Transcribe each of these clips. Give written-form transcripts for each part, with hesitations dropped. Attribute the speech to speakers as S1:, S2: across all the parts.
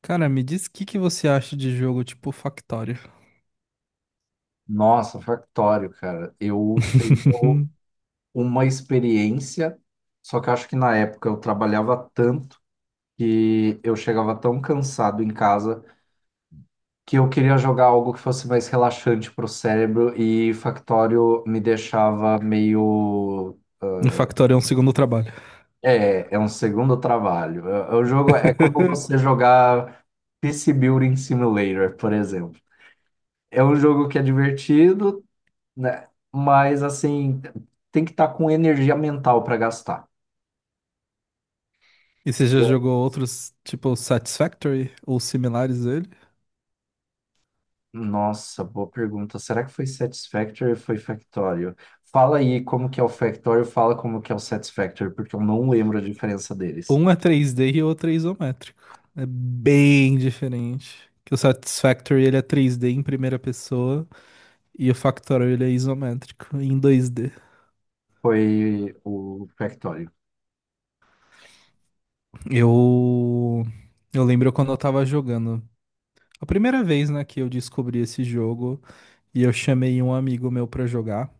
S1: Cara, me diz o que que você acha de jogo tipo Factorio.
S2: Nossa, Factório, cara. Eu tenho uma experiência, só que eu acho que na época eu trabalhava tanto que eu chegava tão cansado em casa que eu queria jogar algo que fosse mais relaxante pro cérebro e Factório me deixava meio.
S1: O Factorio é um segundo trabalho.
S2: É um segundo trabalho. O jogo é como você jogar PC Building Simulator, por exemplo. É um jogo que é divertido, né? Mas assim, tem que estar com energia mental para gastar.
S1: E você já jogou outros, tipo Satisfactory ou similares dele?
S2: Nossa, boa pergunta. Será que foi Satisfactory ou foi Factorio? Fala aí como que é o Factorio, fala como que é o Satisfactory, porque eu não lembro a diferença deles.
S1: Um é 3D e o outro é isométrico. É bem diferente. Que o Satisfactory ele é 3D em primeira pessoa e o Factorio ele é isométrico em 2D.
S2: Foi o Factorio.
S1: Eu eu lembro quando eu tava jogando. A primeira vez, né, que eu descobri esse jogo, e eu chamei um amigo meu pra jogar.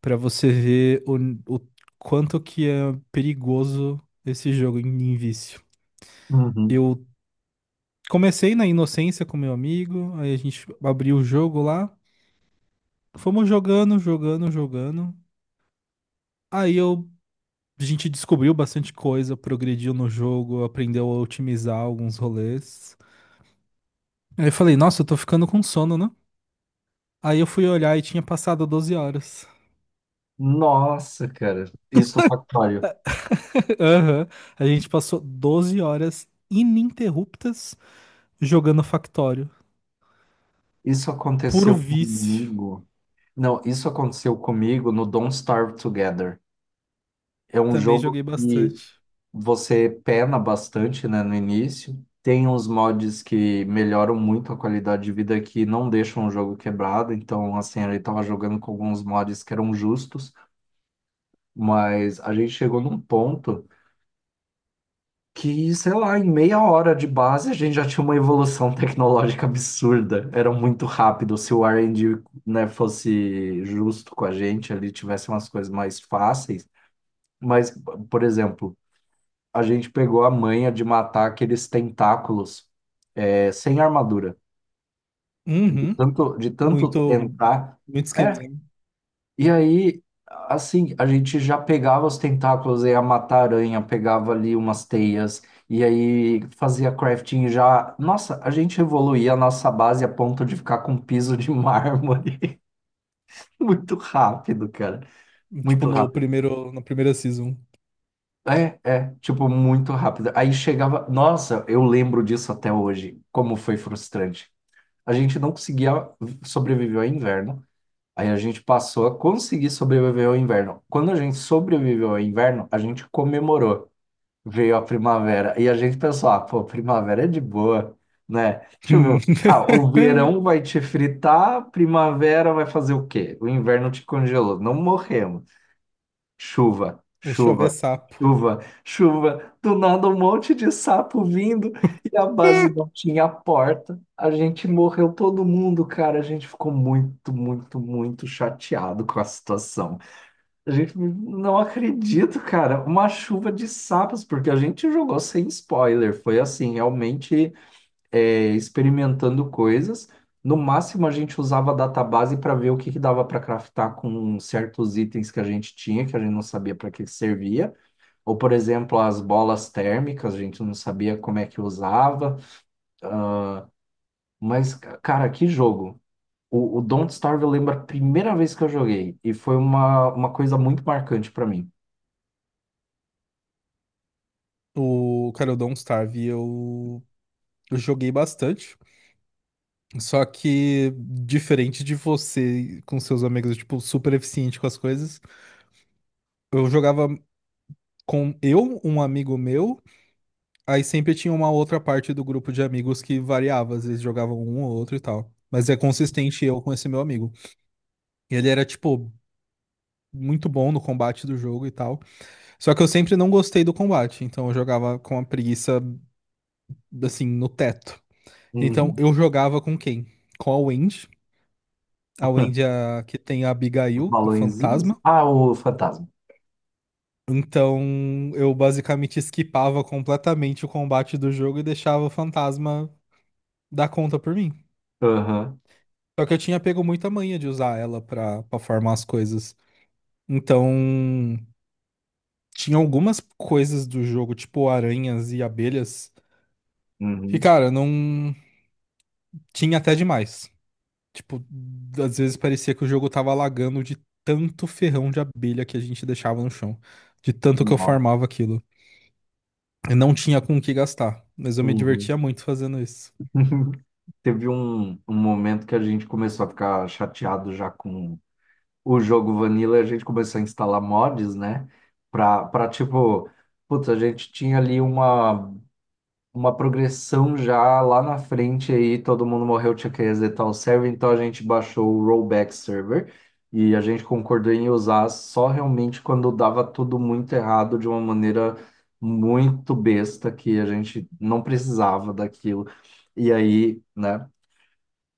S1: Pra você ver o quanto que é perigoso esse jogo em vício.
S2: Uhum.
S1: Eu comecei na inocência com meu amigo, aí a gente abriu o jogo lá, fomos jogando, jogando, jogando. Aí eu, a gente descobriu bastante coisa, progrediu no jogo, aprendeu a otimizar alguns rolês. Aí eu falei, nossa, eu tô ficando com sono, né? Aí eu fui olhar e tinha passado 12 horas.
S2: Nossa, cara, isso no Factorio.
S1: Aham. A gente passou 12 horas ininterruptas jogando Factório.
S2: Isso
S1: Puro
S2: aconteceu
S1: vício.
S2: comigo. Não, isso aconteceu comigo no Don't Starve Together. É um
S1: Também
S2: jogo
S1: joguei
S2: que
S1: bastante.
S2: você pena bastante, né, no início. Tem uns mods que melhoram muito a qualidade de vida que não deixam o jogo quebrado. Então, assim, ele tava jogando com alguns mods que eram justos, mas a gente chegou num ponto que, sei lá, em meia hora de base a gente já tinha uma evolução tecnológica absurda. Era muito rápido. Se o R&D, né, fosse justo com a gente, ele tivesse umas coisas mais fáceis. Mas, por exemplo, a gente pegou a manha de matar aqueles tentáculos sem armadura,
S1: Uhum.
S2: de tanto
S1: Muito,
S2: tentar.
S1: muito
S2: É,
S1: esqueminha.
S2: e aí, assim, a gente já pegava os tentáculos, ia matar aranha, pegava ali umas teias, e aí fazia crafting já. Nossa, a gente evoluía a nossa base a ponto de ficar com um piso de mármore. Muito rápido, cara.
S1: Né? Tipo
S2: Muito
S1: no
S2: rápido.
S1: primeiro, na primeira season.
S2: Tipo, muito rápido. Aí chegava. Nossa, eu lembro disso até hoje, como foi frustrante. A gente não conseguia sobreviver ao inverno. Aí a gente passou a conseguir sobreviver ao inverno. Quando a gente sobreviveu ao inverno, a gente comemorou. Veio a primavera. E a gente pensou, ah, pô, primavera é de boa, né? Deixa eu ver.
S1: Hum.
S2: Ah, o verão vai te fritar, primavera vai fazer o quê? O inverno te congelou. Não morremos. Chuva,
S1: Deixa eu ver
S2: chuva,
S1: sapo.
S2: chuva, chuva. Do nada um monte de sapo vindo e a base não tinha porta. A gente morreu todo mundo, cara. A gente ficou muito, muito, muito chateado com a situação. A gente não acredito, cara. Uma chuva de sapos, porque a gente jogou sem spoiler. Foi assim, realmente experimentando coisas. No máximo, a gente usava a database para ver o que que dava para craftar com certos itens que a gente tinha, que a gente não sabia para que servia. Ou, por exemplo, as bolas térmicas, a gente não sabia como é que usava. Mas, cara, que jogo! O Don't Starve eu lembro a primeira vez que eu joguei, e foi uma coisa muito marcante para mim.
S1: O cara, o Don't Starve, eu joguei bastante. Só que, diferente de você com seus amigos, tipo, super eficiente com as coisas, eu jogava com eu, um amigo meu. Aí sempre tinha uma outra parte do grupo de amigos que variava, às vezes jogavam um ou outro e tal. Mas é consistente eu com esse meu amigo. Ele era, tipo, muito bom no combate do jogo e tal. Só que eu sempre não gostei do combate, então eu jogava com a preguiça, assim, no teto. Então
S2: Uhum.
S1: eu jogava com quem? Com a Wendy. A Wendy é a que tem a
S2: Os
S1: Abigail, a
S2: balõezinhos?
S1: fantasma.
S2: Ah, o fantasma.
S1: Então eu basicamente skipava completamente o combate do jogo e deixava o fantasma dar conta por mim.
S2: Aham.
S1: Só que eu tinha pego muita manha de usar ela pra, pra farmar as coisas. Então, tinha algumas coisas do jogo, tipo aranhas e abelhas, que,
S2: Uhum.
S1: cara, não. Tinha até demais. Tipo, às vezes parecia que o jogo tava lagando de tanto ferrão de abelha que a gente deixava no chão. De tanto que eu
S2: Uhum.
S1: farmava aquilo. Eu não tinha com o que gastar, mas eu me
S2: Uhum.
S1: divertia muito fazendo isso.
S2: Teve um momento que a gente começou a ficar chateado já com o jogo Vanilla, e a gente começou a instalar mods, né? Pra tipo, putz, a gente tinha ali uma progressão já lá na frente aí, todo mundo morreu, tinha que resetar o server, então a gente baixou o rollback server e a gente concordou em usar só realmente quando dava tudo muito errado de uma maneira muito besta que a gente não precisava daquilo. E aí, né?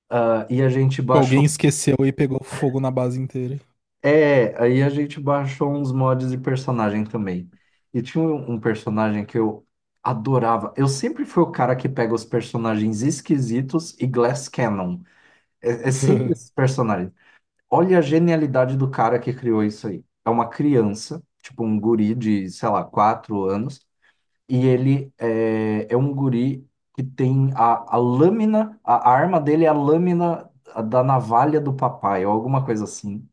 S2: Ah, e a gente
S1: Alguém
S2: baixou.
S1: esqueceu e pegou fogo na base inteira.
S2: É, aí a gente baixou uns mods de personagem também. E tinha um personagem que eu adorava. Eu sempre fui o cara que pega os personagens esquisitos e Glass Cannon. É sempre esses personagens. Olha a genialidade do cara que criou isso aí. É uma criança, tipo um guri de, sei lá, 4 anos. E ele é um guri que tem a lâmina, a arma dele é a lâmina da navalha do papai, ou alguma coisa assim.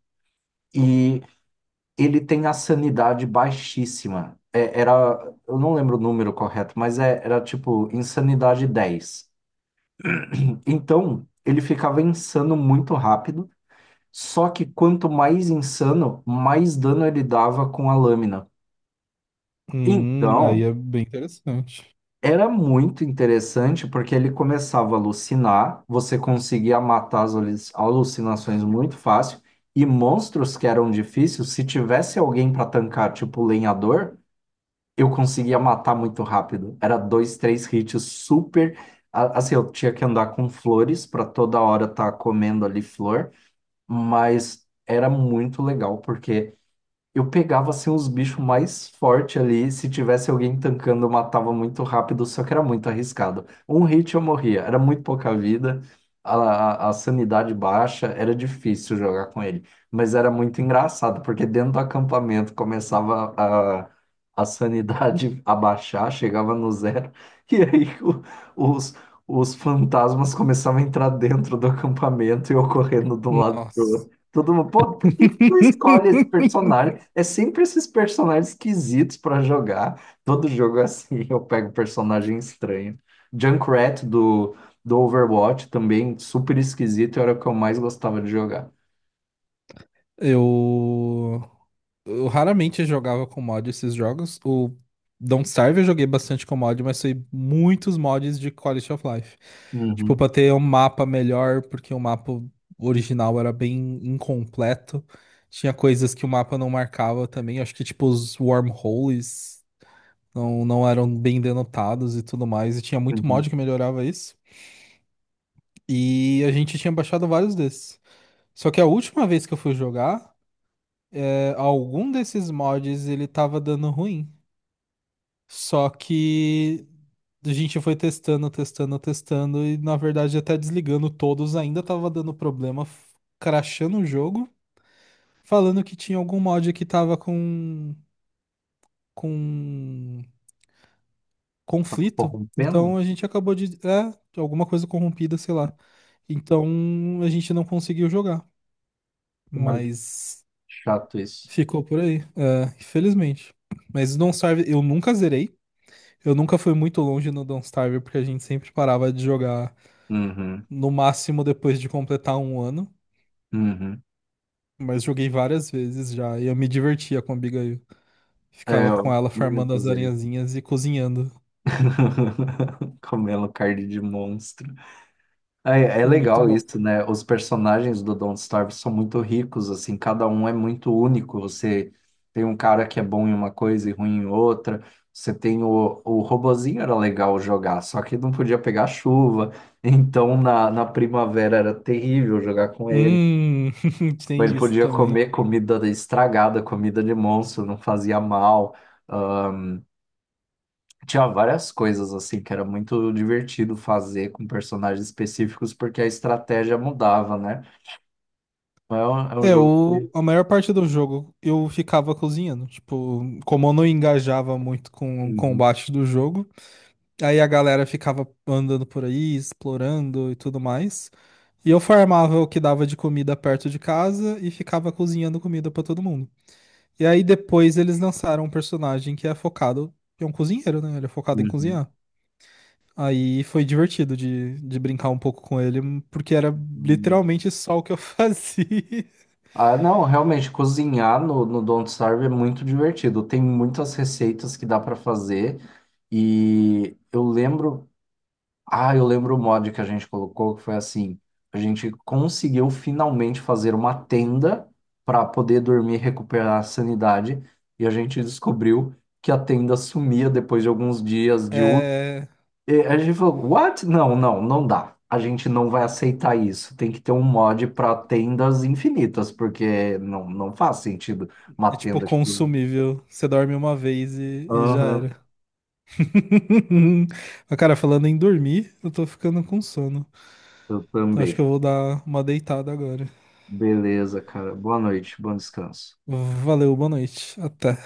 S2: E ele tem a sanidade baixíssima. É, era, eu não lembro o número correto, mas era tipo insanidade 10. Então, ele ficava insano muito rápido, só que quanto mais insano, mais dano ele dava com a lâmina.
S1: Aí
S2: Então,
S1: é bem interessante.
S2: era muito interessante porque ele começava a alucinar, você conseguia matar alucinações muito fácil, e monstros que eram difíceis, se tivesse alguém para tancar, tipo o lenhador. Eu conseguia matar muito rápido. Era dois, três hits super. Assim, eu tinha que andar com flores para toda hora estar comendo ali flor, mas era muito legal, porque eu pegava assim os bichos mais fortes ali. Se tivesse alguém tancando, eu matava muito rápido, só que era muito arriscado. Um hit eu morria, era muito pouca vida, a, a sanidade baixa, era difícil jogar com ele. Mas era muito engraçado, porque dentro do acampamento começava a sanidade a baixar, chegava no zero, e aí os, os fantasmas começavam a entrar dentro do acampamento e eu correndo de um lado.
S1: Nossa.
S2: Todo mundo, pô, por que que tu escolhe esse personagem? É sempre esses personagens esquisitos pra jogar. Todo jogo é assim, eu pego personagem estranho. Junkrat do Overwatch também, super esquisito, era o que eu mais gostava de jogar.
S1: Eu, eu raramente jogava com mod esses jogos. O Don't Starve eu joguei bastante com mod, mas foi muitos mods de Quality of Life. Tipo,
S2: Uhum,
S1: pra ter um mapa melhor, porque o mapa original era bem incompleto. Tinha coisas que o mapa não marcava também. Acho que, tipo, os wormholes não eram bem denotados e tudo mais. E tinha muito
S2: uhum.
S1: mod que melhorava isso. E a gente tinha baixado vários desses. Só que a última vez que eu fui jogar, algum desses mods ele tava dando ruim. Só que a gente foi testando, testando, testando, e na verdade até desligando todos ainda tava dando problema, crashando o jogo, falando que tinha algum mod que tava com conflito.
S2: Corrompendo?
S1: Então a gente acabou de é, alguma coisa corrompida, sei lá. Então a gente não conseguiu jogar,
S2: Cara, que
S1: mas
S2: chato isso.
S1: ficou por aí, é, infelizmente. Mas não serve, eu nunca zerei. Eu nunca fui muito longe no Don't Starve, porque a gente sempre parava de jogar
S2: Uhum,
S1: no máximo depois de completar 1 ano.
S2: uhum.
S1: Mas joguei várias vezes já, e eu me divertia com a Abigail.
S2: É,
S1: Ficava com
S2: eu
S1: ela
S2: também não
S1: farmando as
S2: fazer.
S1: aranhazinhas e cozinhando.
S2: Comendo carne de monstro. É
S1: É muito
S2: legal
S1: bom.
S2: isso, né? Os personagens do Don't Starve são muito ricos, assim, cada um é muito único. Você tem um cara que é bom em uma coisa e ruim em outra. Você tem o robozinho era legal jogar, só que não podia pegar chuva. Então na primavera era terrível jogar com ele.
S1: Hum,
S2: Mas
S1: tem
S2: ele
S1: isso
S2: podia
S1: também.
S2: comer comida estragada, comida de monstro, não fazia mal. Ah, tinha várias coisas assim que era muito divertido fazer com personagens específicos porque a estratégia mudava, né? É um
S1: É,
S2: jogo
S1: o,
S2: que.
S1: a maior parte do jogo eu ficava cozinhando. Tipo, como eu não engajava muito com o
S2: Uhum,
S1: combate do jogo, aí a galera ficava andando por aí, explorando e tudo mais. E eu farmava o que dava de comida perto de casa e ficava cozinhando comida pra todo mundo. E aí depois eles lançaram um personagem que é focado, que é um cozinheiro, né? Ele é focado em
S2: uhum,
S1: cozinhar. Aí foi divertido de brincar um pouco com ele, porque era
S2: uhum.
S1: literalmente só o que eu fazia.
S2: Ah, não, realmente, cozinhar no Don't Starve é muito divertido. Tem muitas receitas que dá para fazer. E eu lembro. Ah, eu lembro o mod que a gente colocou, que foi assim: a gente conseguiu finalmente fazer uma tenda para poder dormir e recuperar a sanidade. E a gente descobriu que a tenda sumia depois de alguns dias de.
S1: É,
S2: E a gente falou, what? Não, não, não dá. A gente não vai aceitar isso. Tem que ter um mod para tendas infinitas, porque não, não faz sentido uma
S1: é tipo
S2: tenda que.
S1: consumível. Você dorme uma vez e já
S2: Aham,
S1: era. Mas, cara, falando em dormir, eu tô ficando com sono.
S2: eu
S1: Então acho que
S2: também.
S1: eu vou dar uma deitada agora.
S2: Beleza, cara. Boa noite, bom descanso.
S1: Valeu, boa noite. Até.